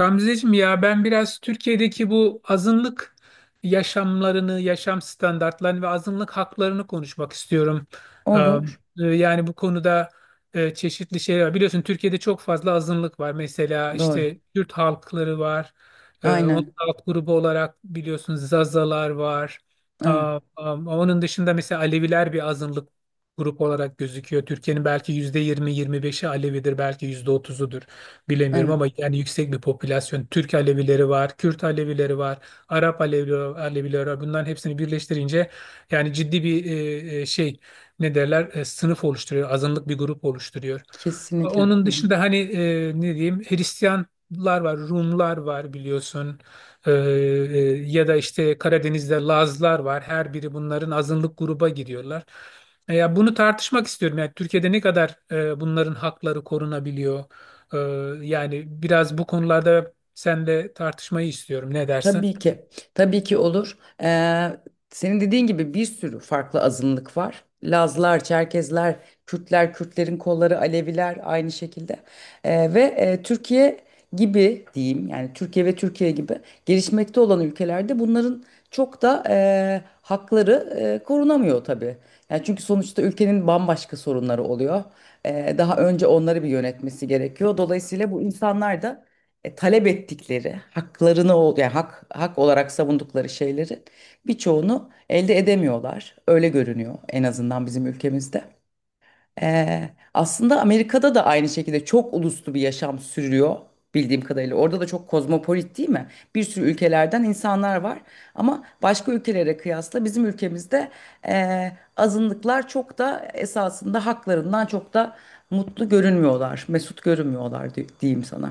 Ramziciğim ya ben biraz Türkiye'deki bu azınlık yaşamlarını, yaşam standartlarını ve azınlık haklarını konuşmak istiyorum. Ee, Olur. Yani bu konuda çeşitli şeyler var. Biliyorsun Türkiye'de çok fazla azınlık var. Mesela Doğru. işte Kürt halkları var. Onun Aynen. alt grubu olarak biliyorsun Zazalar var. Evet. Onun dışında mesela Aleviler bir azınlık grup olarak gözüküyor. Türkiye'nin belki %20, yirmi 25'i Alevidir, belki %30'udur bilemiyorum Evet. ama yani yüksek bir popülasyon. Türk Alevileri var, Kürt Alevileri var, Arap Alevileri, Alevileri var. Bunların hepsini birleştirince yani ciddi bir şey ne derler sınıf oluşturuyor, azınlık bir grup oluşturuyor. Kesinlikle. Onun Hı hı. dışında hani ne diyeyim Hristiyanlar var, Rumlar var biliyorsun. E, e, Ya da işte Karadeniz'de Lazlar var. Her biri bunların azınlık gruba giriyorlar. Ya bunu tartışmak istiyorum. Yani Türkiye'de ne kadar bunların hakları korunabiliyor? Ee, Yani biraz bu konularda senle tartışmayı istiyorum. Ne dersin? Tabii ki, tabii ki olur. Senin dediğin gibi bir sürü farklı azınlık var. Lazlar, Çerkezler, Kürtler, Kürtlerin kolları, Aleviler aynı şekilde. Ve Türkiye gibi diyeyim yani Türkiye ve Türkiye gibi gelişmekte olan ülkelerde bunların çok da hakları korunamıyor tabii. Yani çünkü sonuçta ülkenin bambaşka sorunları oluyor. Daha önce onları bir yönetmesi gerekiyor. Dolayısıyla bu insanlar da talep ettikleri yani hak olarak savundukları şeylerin birçoğunu elde edemiyorlar. Öyle görünüyor en azından bizim ülkemizde. Aslında Amerika'da da aynı şekilde çok uluslu bir yaşam sürüyor bildiğim kadarıyla. Orada da çok kozmopolit, değil mi? Bir sürü ülkelerden insanlar var ama başka ülkelere kıyasla bizim ülkemizde azınlıklar çok da esasında haklarından çok da mutlu görünmüyorlar, mesut görünmüyorlar diyeyim sana.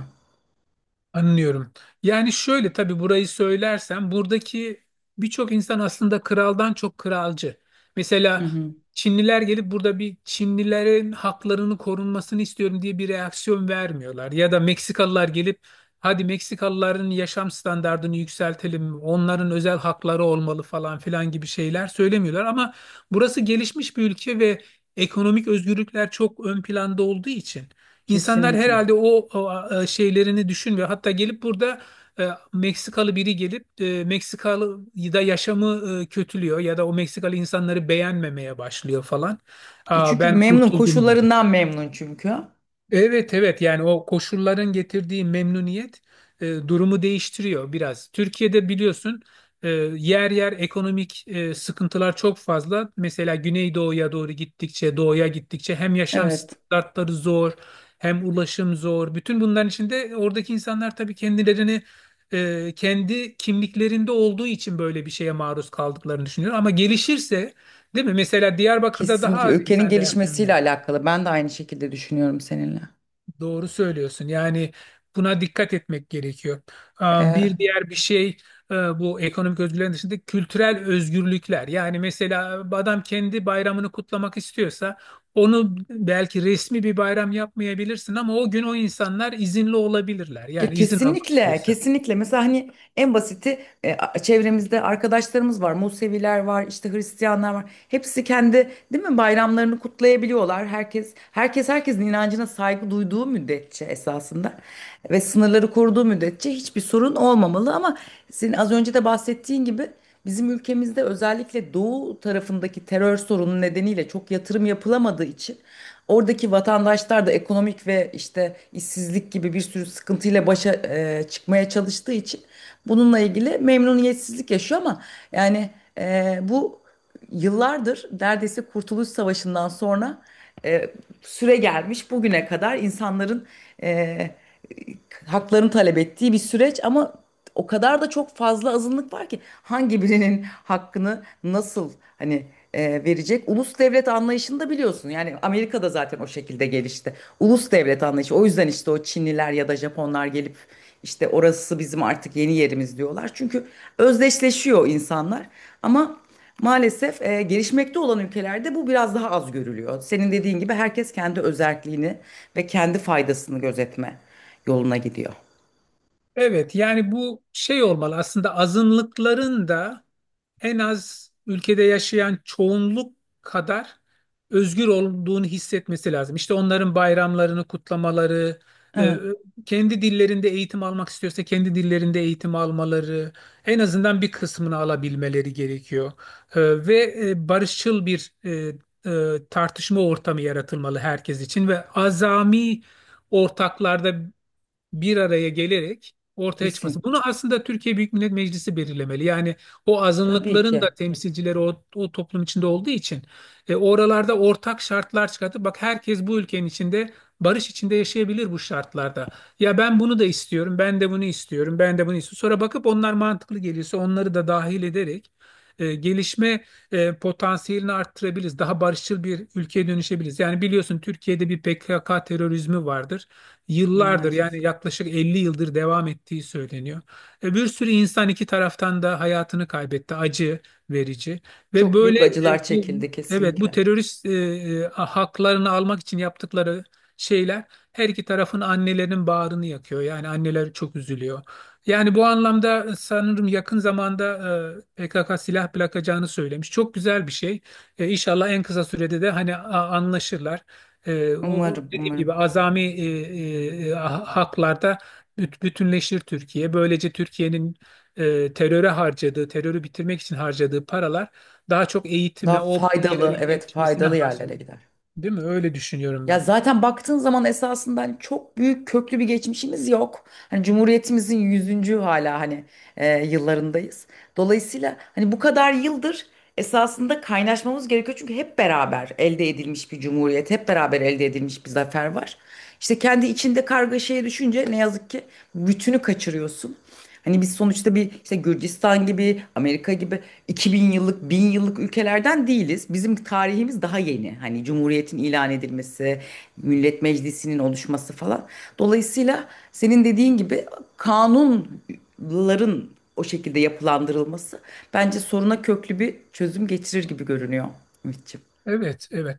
Anlıyorum. Yani şöyle tabii burayı söylersem buradaki birçok insan aslında kraldan çok kralcı. Hı Mesela hı. Çinliler gelip burada bir Çinlilerin haklarını korunmasını istiyorum diye bir reaksiyon vermiyorlar. Ya da Meksikalılar gelip hadi Meksikalıların yaşam standartını yükseltelim, onların özel hakları olmalı falan filan gibi şeyler söylemiyorlar. Ama burası gelişmiş bir ülke ve ekonomik özgürlükler çok ön planda olduğu için. İnsanlar Kesinlikle. herhalde şeylerini düşünmüyor. Hatta gelip burada Meksikalı biri gelip Meksikalı da yaşamı kötülüyor ya da o Meksikalı insanları beğenmemeye başlıyor falan. E çünkü Ben memnun, kurtuldum gibi. koşullarından memnun çünkü. Evet, evet, yani o koşulların getirdiği memnuniyet durumu değiştiriyor biraz. Türkiye'de biliyorsun e, yer yer ekonomik sıkıntılar çok fazla. Mesela Güneydoğu'ya doğru gittikçe, doğuya gittikçe hem yaşam Evet, standartları zor, hem ulaşım zor. Bütün bunların içinde oradaki insanlar tabii kendilerini kendi kimliklerinde olduğu için böyle bir şeye maruz kaldıklarını düşünüyor. Ama gelişirse, değil mi? Mesela Diyarbakır'da daha kesinlikle az ülkenin insan reaksiyon gelişmesiyle veriyor. alakalı. Ben de aynı şekilde düşünüyorum seninle. Doğru söylüyorsun. Yani buna dikkat etmek gerekiyor. Ee, E, Bir diğer bir şey bu ekonomik özgürlüklerin dışında kültürel özgürlükler. Yani mesela adam kendi bayramını kutlamak istiyorsa onu belki resmi bir bayram yapmayabilirsin ama o gün o insanlar izinli olabilirler. ya Yani izin almak kesinlikle, istiyorsa. kesinlikle. Mesela hani en basiti, çevremizde arkadaşlarımız var, Museviler var, işte Hristiyanlar var. Hepsi kendi, değil mi, bayramlarını kutlayabiliyorlar. Herkes herkesin inancına saygı duyduğu müddetçe esasında ve sınırları koruduğu müddetçe hiçbir sorun olmamalı. Ama senin az önce de bahsettiğin gibi, bizim ülkemizde özellikle doğu tarafındaki terör sorunu nedeniyle çok yatırım yapılamadığı için oradaki vatandaşlar da ekonomik ve işte işsizlik gibi bir sürü sıkıntıyla başa çıkmaya çalıştığı için bununla ilgili memnuniyetsizlik yaşıyor ama yani bu yıllardır neredeyse Kurtuluş Savaşı'ndan sonra e, süre gelmiş bugüne kadar insanların e, haklarını talep ettiği bir süreç ama o kadar da çok fazla azınlık var ki hangi birinin hakkını nasıl hani verecek? Ulus devlet anlayışını da biliyorsun. Yani Amerika'da zaten o şekilde gelişti. Ulus devlet anlayışı. O yüzden işte o Çinliler ya da Japonlar gelip işte orası bizim artık yeni yerimiz diyorlar. Çünkü özdeşleşiyor insanlar. Ama maalesef gelişmekte olan ülkelerde bu biraz daha az görülüyor. Senin dediğin gibi herkes kendi özerkliğini ve kendi faydasını gözetme yoluna gidiyor. Evet yani bu şey olmalı aslında azınlıkların da en az ülkede yaşayan çoğunluk kadar özgür olduğunu hissetmesi lazım. İşte onların bayramlarını kutlamaları, e, Evet, kendi dillerinde eğitim almak istiyorsa kendi dillerinde eğitim almaları, en azından bir kısmını alabilmeleri gerekiyor. Ve barışçıl bir tartışma ortamı yaratılmalı herkes için ve azami ortaklarda bir araya gelerek ortaya çıkması. kesin. Bunu aslında Türkiye Büyük Millet Meclisi belirlemeli. Yani o Tabii azınlıkların da ki. temsilcileri o toplum içinde olduğu için oralarda ortak şartlar çıkartıp bak herkes bu ülkenin içinde barış içinde yaşayabilir bu şartlarda. Ya ben bunu da istiyorum, ben de bunu istiyorum, ben de bunu istiyorum. Sonra bakıp onlar mantıklı geliyorsa onları da dahil ederek gelişme potansiyelini arttırabiliriz. Daha barışçıl bir ülkeye dönüşebiliriz. Yani biliyorsun Türkiye'de bir PKK terörizmi vardır yıllardır Maalesef. yani yaklaşık 50 yıldır devam ettiği söyleniyor. Bir sürü insan iki taraftan da hayatını kaybetti. Acı verici ve Çok böyle büyük acılar çekildi evet bu kesinlikle. terörist haklarını almak için yaptıkları şeyler her iki tarafın annelerinin bağrını yakıyor. Yani anneler çok üzülüyor. Yani bu anlamda sanırım yakın zamanda PKK silah bırakacağını söylemiş. Çok güzel bir şey. İnşallah en kısa sürede de hani anlaşırlar. O Umarım, dediğim gibi umarım. azami haklarda bütünleşir Türkiye. Böylece Türkiye'nin teröre harcadığı, terörü bitirmek için harcadığı paralar daha çok Daha eğitime, o faydalı, bölgelerin evet gelişmesine faydalı yerlere harcanır. gider. Değil mi? Öyle düşünüyorum Ya ben. zaten baktığın zaman esasında hani çok büyük köklü bir geçmişimiz yok. Hani Cumhuriyetimizin yüzüncü hala hani yıllarındayız. Dolayısıyla hani bu kadar yıldır esasında kaynaşmamız gerekiyor. Çünkü hep beraber elde edilmiş bir cumhuriyet, hep beraber elde edilmiş bir zafer var. İşte kendi içinde kargaşaya düşünce ne yazık ki bütünü kaçırıyorsun. Hani biz sonuçta bir işte Gürcistan gibi, Amerika gibi 2000 yıllık, 1000 yıllık ülkelerden değiliz. Bizim tarihimiz daha yeni. Hani Cumhuriyet'in ilan edilmesi, Millet Meclisi'nin oluşması falan. Dolayısıyla senin dediğin gibi kanunların o şekilde yapılandırılması bence soruna köklü bir çözüm getirir gibi görünüyor, Ümitçiğim. Evet, evet.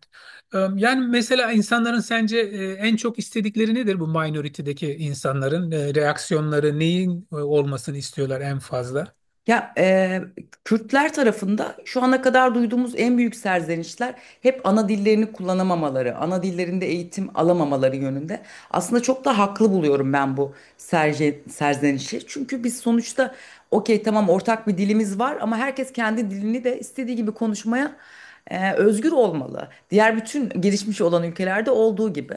Yani mesela insanların sence en çok istedikleri nedir bu minority'deki insanların? Reaksiyonları neyin olmasını istiyorlar en fazla? Ya Kürtler tarafında şu ana kadar duyduğumuz en büyük serzenişler hep ana dillerini kullanamamaları, ana dillerinde eğitim alamamaları yönünde. Aslında çok da haklı buluyorum ben bu serzenişi. Çünkü biz sonuçta okey tamam ortak bir dilimiz var ama herkes kendi dilini de istediği gibi konuşmaya özgür olmalı. Diğer bütün gelişmiş olan ülkelerde olduğu gibi.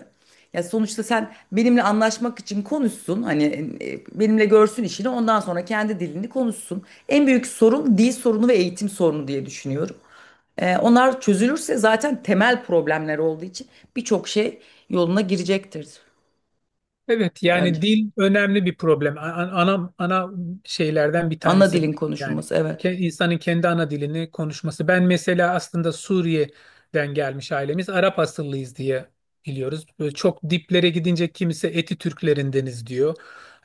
Ya sonuçta sen benimle anlaşmak için konuşsun. Hani benimle görsün işini. Ondan sonra kendi dilini konuşsun. En büyük sorun dil sorunu ve eğitim sorunu diye düşünüyorum. Onlar çözülürse zaten temel problemler olduğu için birçok şey yoluna girecektir Evet yani bence. dil önemli bir problem. Ana şeylerden bir Ana tanesi bu. dilin yani konuşulması, evet. Ke- insanın kendi ana dilini konuşması. Ben mesela aslında Suriye'den gelmiş ailemiz Arap asıllıyız diye biliyoruz. Böyle çok diplere gidince kimisi Eti Türklerindeniz diyor.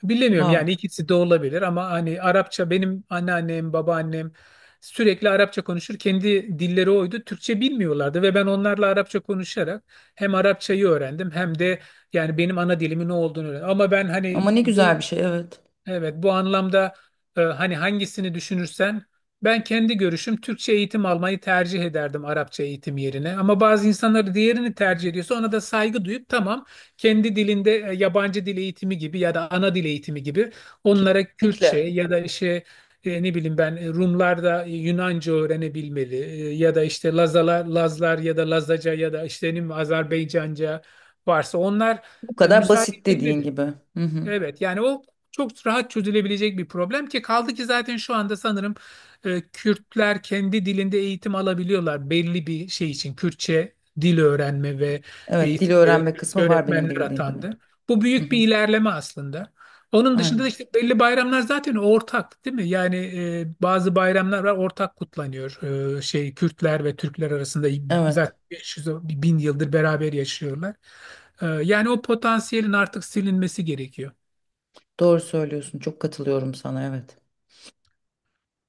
Bilemiyorum yani Wow. ikisi de olabilir ama hani Arapça benim anneannem, babaannem sürekli Arapça konuşur. Kendi dilleri oydu. Türkçe bilmiyorlardı ve ben onlarla Arapça konuşarak hem Arapçayı öğrendim hem de yani benim ana dilimin ne olduğunu öğren. Ama ben hani Ama ne bu güzel bir şey, evet. Evet, bu anlamda hani hangisini düşünürsen ben kendi görüşüm Türkçe eğitim almayı tercih ederdim Arapça eğitim yerine. Ama bazı insanlar diğerini tercih ediyorsa ona da saygı duyup tamam kendi dilinde yabancı dil eğitimi gibi ya da ana dil eğitimi gibi onlara Kürtçe Kesinlikle. ya da işte ne bileyim ben Rumlar da Yunanca öğrenebilmeli. Ya da işte Lazalar, Lazlar ya da Lazaca ya da işte ne bileyim, Azerbaycanca varsa onlar Bu kadar müsaade basit dediğin edilmeli. gibi. Hı hı. Evet yani o çok rahat çözülebilecek bir problem ki kaldı ki zaten şu anda sanırım Kürtler kendi dilinde eğitim alabiliyorlar belli bir şey için. Kürtçe dil öğrenme ve Evet, dil eğitimlere öğrenme Kürtçe kısmı var benim öğretmenler de bildiğim kadarıyla. atandı. Bu Hı büyük hı. bir ilerleme aslında. Onun dışında da Aynen. işte belli bayramlar zaten ortak değil mi? Yani bazı bayramlar var ortak kutlanıyor. Kürtler ve Türkler arasında Evet. zaten 500 bin yıldır beraber yaşıyorlar. Yani o potansiyelin artık silinmesi gerekiyor. Doğru söylüyorsun. Çok katılıyorum sana. Evet.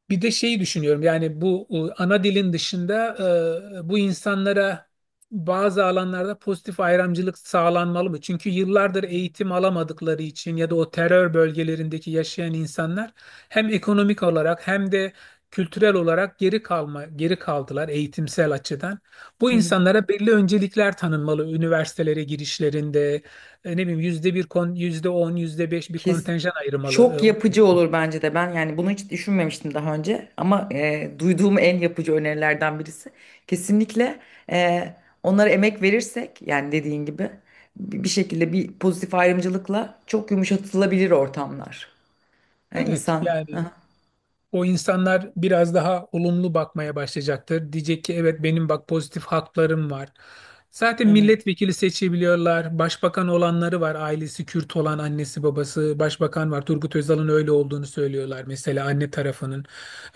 Bir de şeyi düşünüyorum yani bu ana dilin dışında bu insanlara bazı alanlarda pozitif ayrımcılık sağlanmalı mı? Çünkü yıllardır eğitim alamadıkları için ya da o terör bölgelerindeki yaşayan insanlar hem ekonomik olarak hem de kültürel olarak geri kaldılar eğitimsel açıdan. Bu Hı hı. insanlara belli öncelikler tanınmalı üniversitelere girişlerinde ne bileyim %1 yüzde on yüzde beş bir Kes. kontenjan Çok ayırmalı. Yapıcı olur bence de. Ben yani bunu hiç düşünmemiştim daha önce ama duyduğum en yapıcı önerilerden birisi. Kesinlikle e, onlara emek verirsek yani dediğin gibi bir şekilde bir pozitif ayrımcılıkla çok yumuşatılabilir ortamlar. Yani Evet insan. yani. Aha, O insanlar biraz daha olumlu bakmaya başlayacaktır. Diyecek ki evet benim bak pozitif haklarım var. Zaten evet. milletvekili seçebiliyorlar. Başbakan olanları var. Ailesi Kürt olan annesi babası başbakan var. Turgut Özal'ın öyle olduğunu söylüyorlar mesela anne tarafının.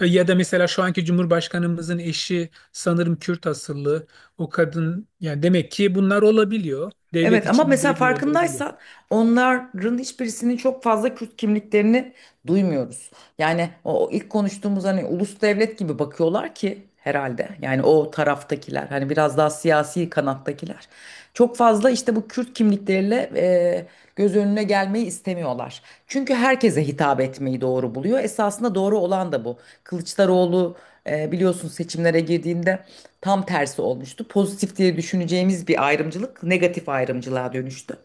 Ya da mesela şu anki Cumhurbaşkanımızın eşi sanırım Kürt asıllı. O kadın yani demek ki bunlar olabiliyor. Devlet Evet ama içinde mesela belli yerlere geliyor. farkındaysan onların hiçbirisinin çok fazla Kürt kimliklerini duymuyoruz. Yani o ilk konuştuğumuz hani ulus devlet gibi bakıyorlar ki herhalde. Yani o taraftakiler hani biraz daha siyasi kanattakiler. Çok fazla işte bu Kürt kimlikleriyle göz önüne gelmeyi istemiyorlar. Çünkü herkese hitap etmeyi doğru buluyor. Esasında doğru olan da bu. Kılıçdaroğlu biliyorsun seçimlere girdiğinde tam tersi olmuştu. Pozitif diye düşüneceğimiz bir ayrımcılık negatif ayrımcılığa dönüştü.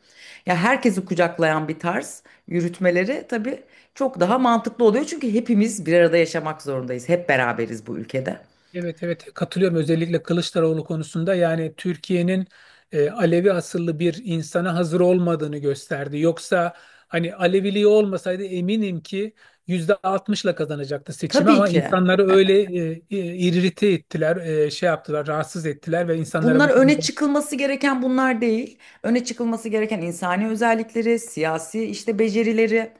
Ya herkesi kucaklayan bir tarz yürütmeleri tabii çok daha mantıklı oluyor. Çünkü hepimiz bir arada yaşamak zorundayız. Hep beraberiz bu ülkede. Evet, evet, katılıyorum özellikle Kılıçdaroğlu konusunda yani Türkiye'nin Alevi asıllı bir insana hazır olmadığını gösterdi. Yoksa hani Aleviliği olmasaydı eminim ki %60'la kazanacaktı seçimi Tabii ama ki. insanları öyle irrite ettiler, şey yaptılar, rahatsız ettiler ve insanlara Bunlar bu öne konuda. çıkılması gereken bunlar değil. Öne çıkılması gereken insani özellikleri, siyasi işte becerileri,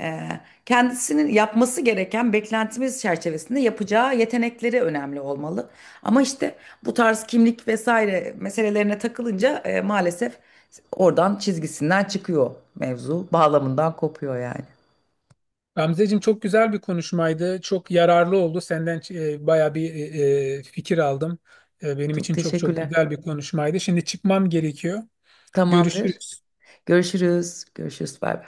e, kendisinin yapması gereken beklentimiz çerçevesinde yapacağı yetenekleri önemli olmalı. Ama işte bu tarz kimlik vesaire meselelerine takılınca maalesef oradan çizgisinden çıkıyor mevzu, bağlamından kopuyor yani. Gamzeciğim çok güzel bir konuşmaydı. Çok yararlı oldu. Senden baya bir fikir aldım. Benim Çok için çok çok teşekkürler. güzel bir konuşmaydı. Şimdi çıkmam gerekiyor. Tamamdır. Görüşürüz. Görüşürüz. Görüşürüz. Bay bay.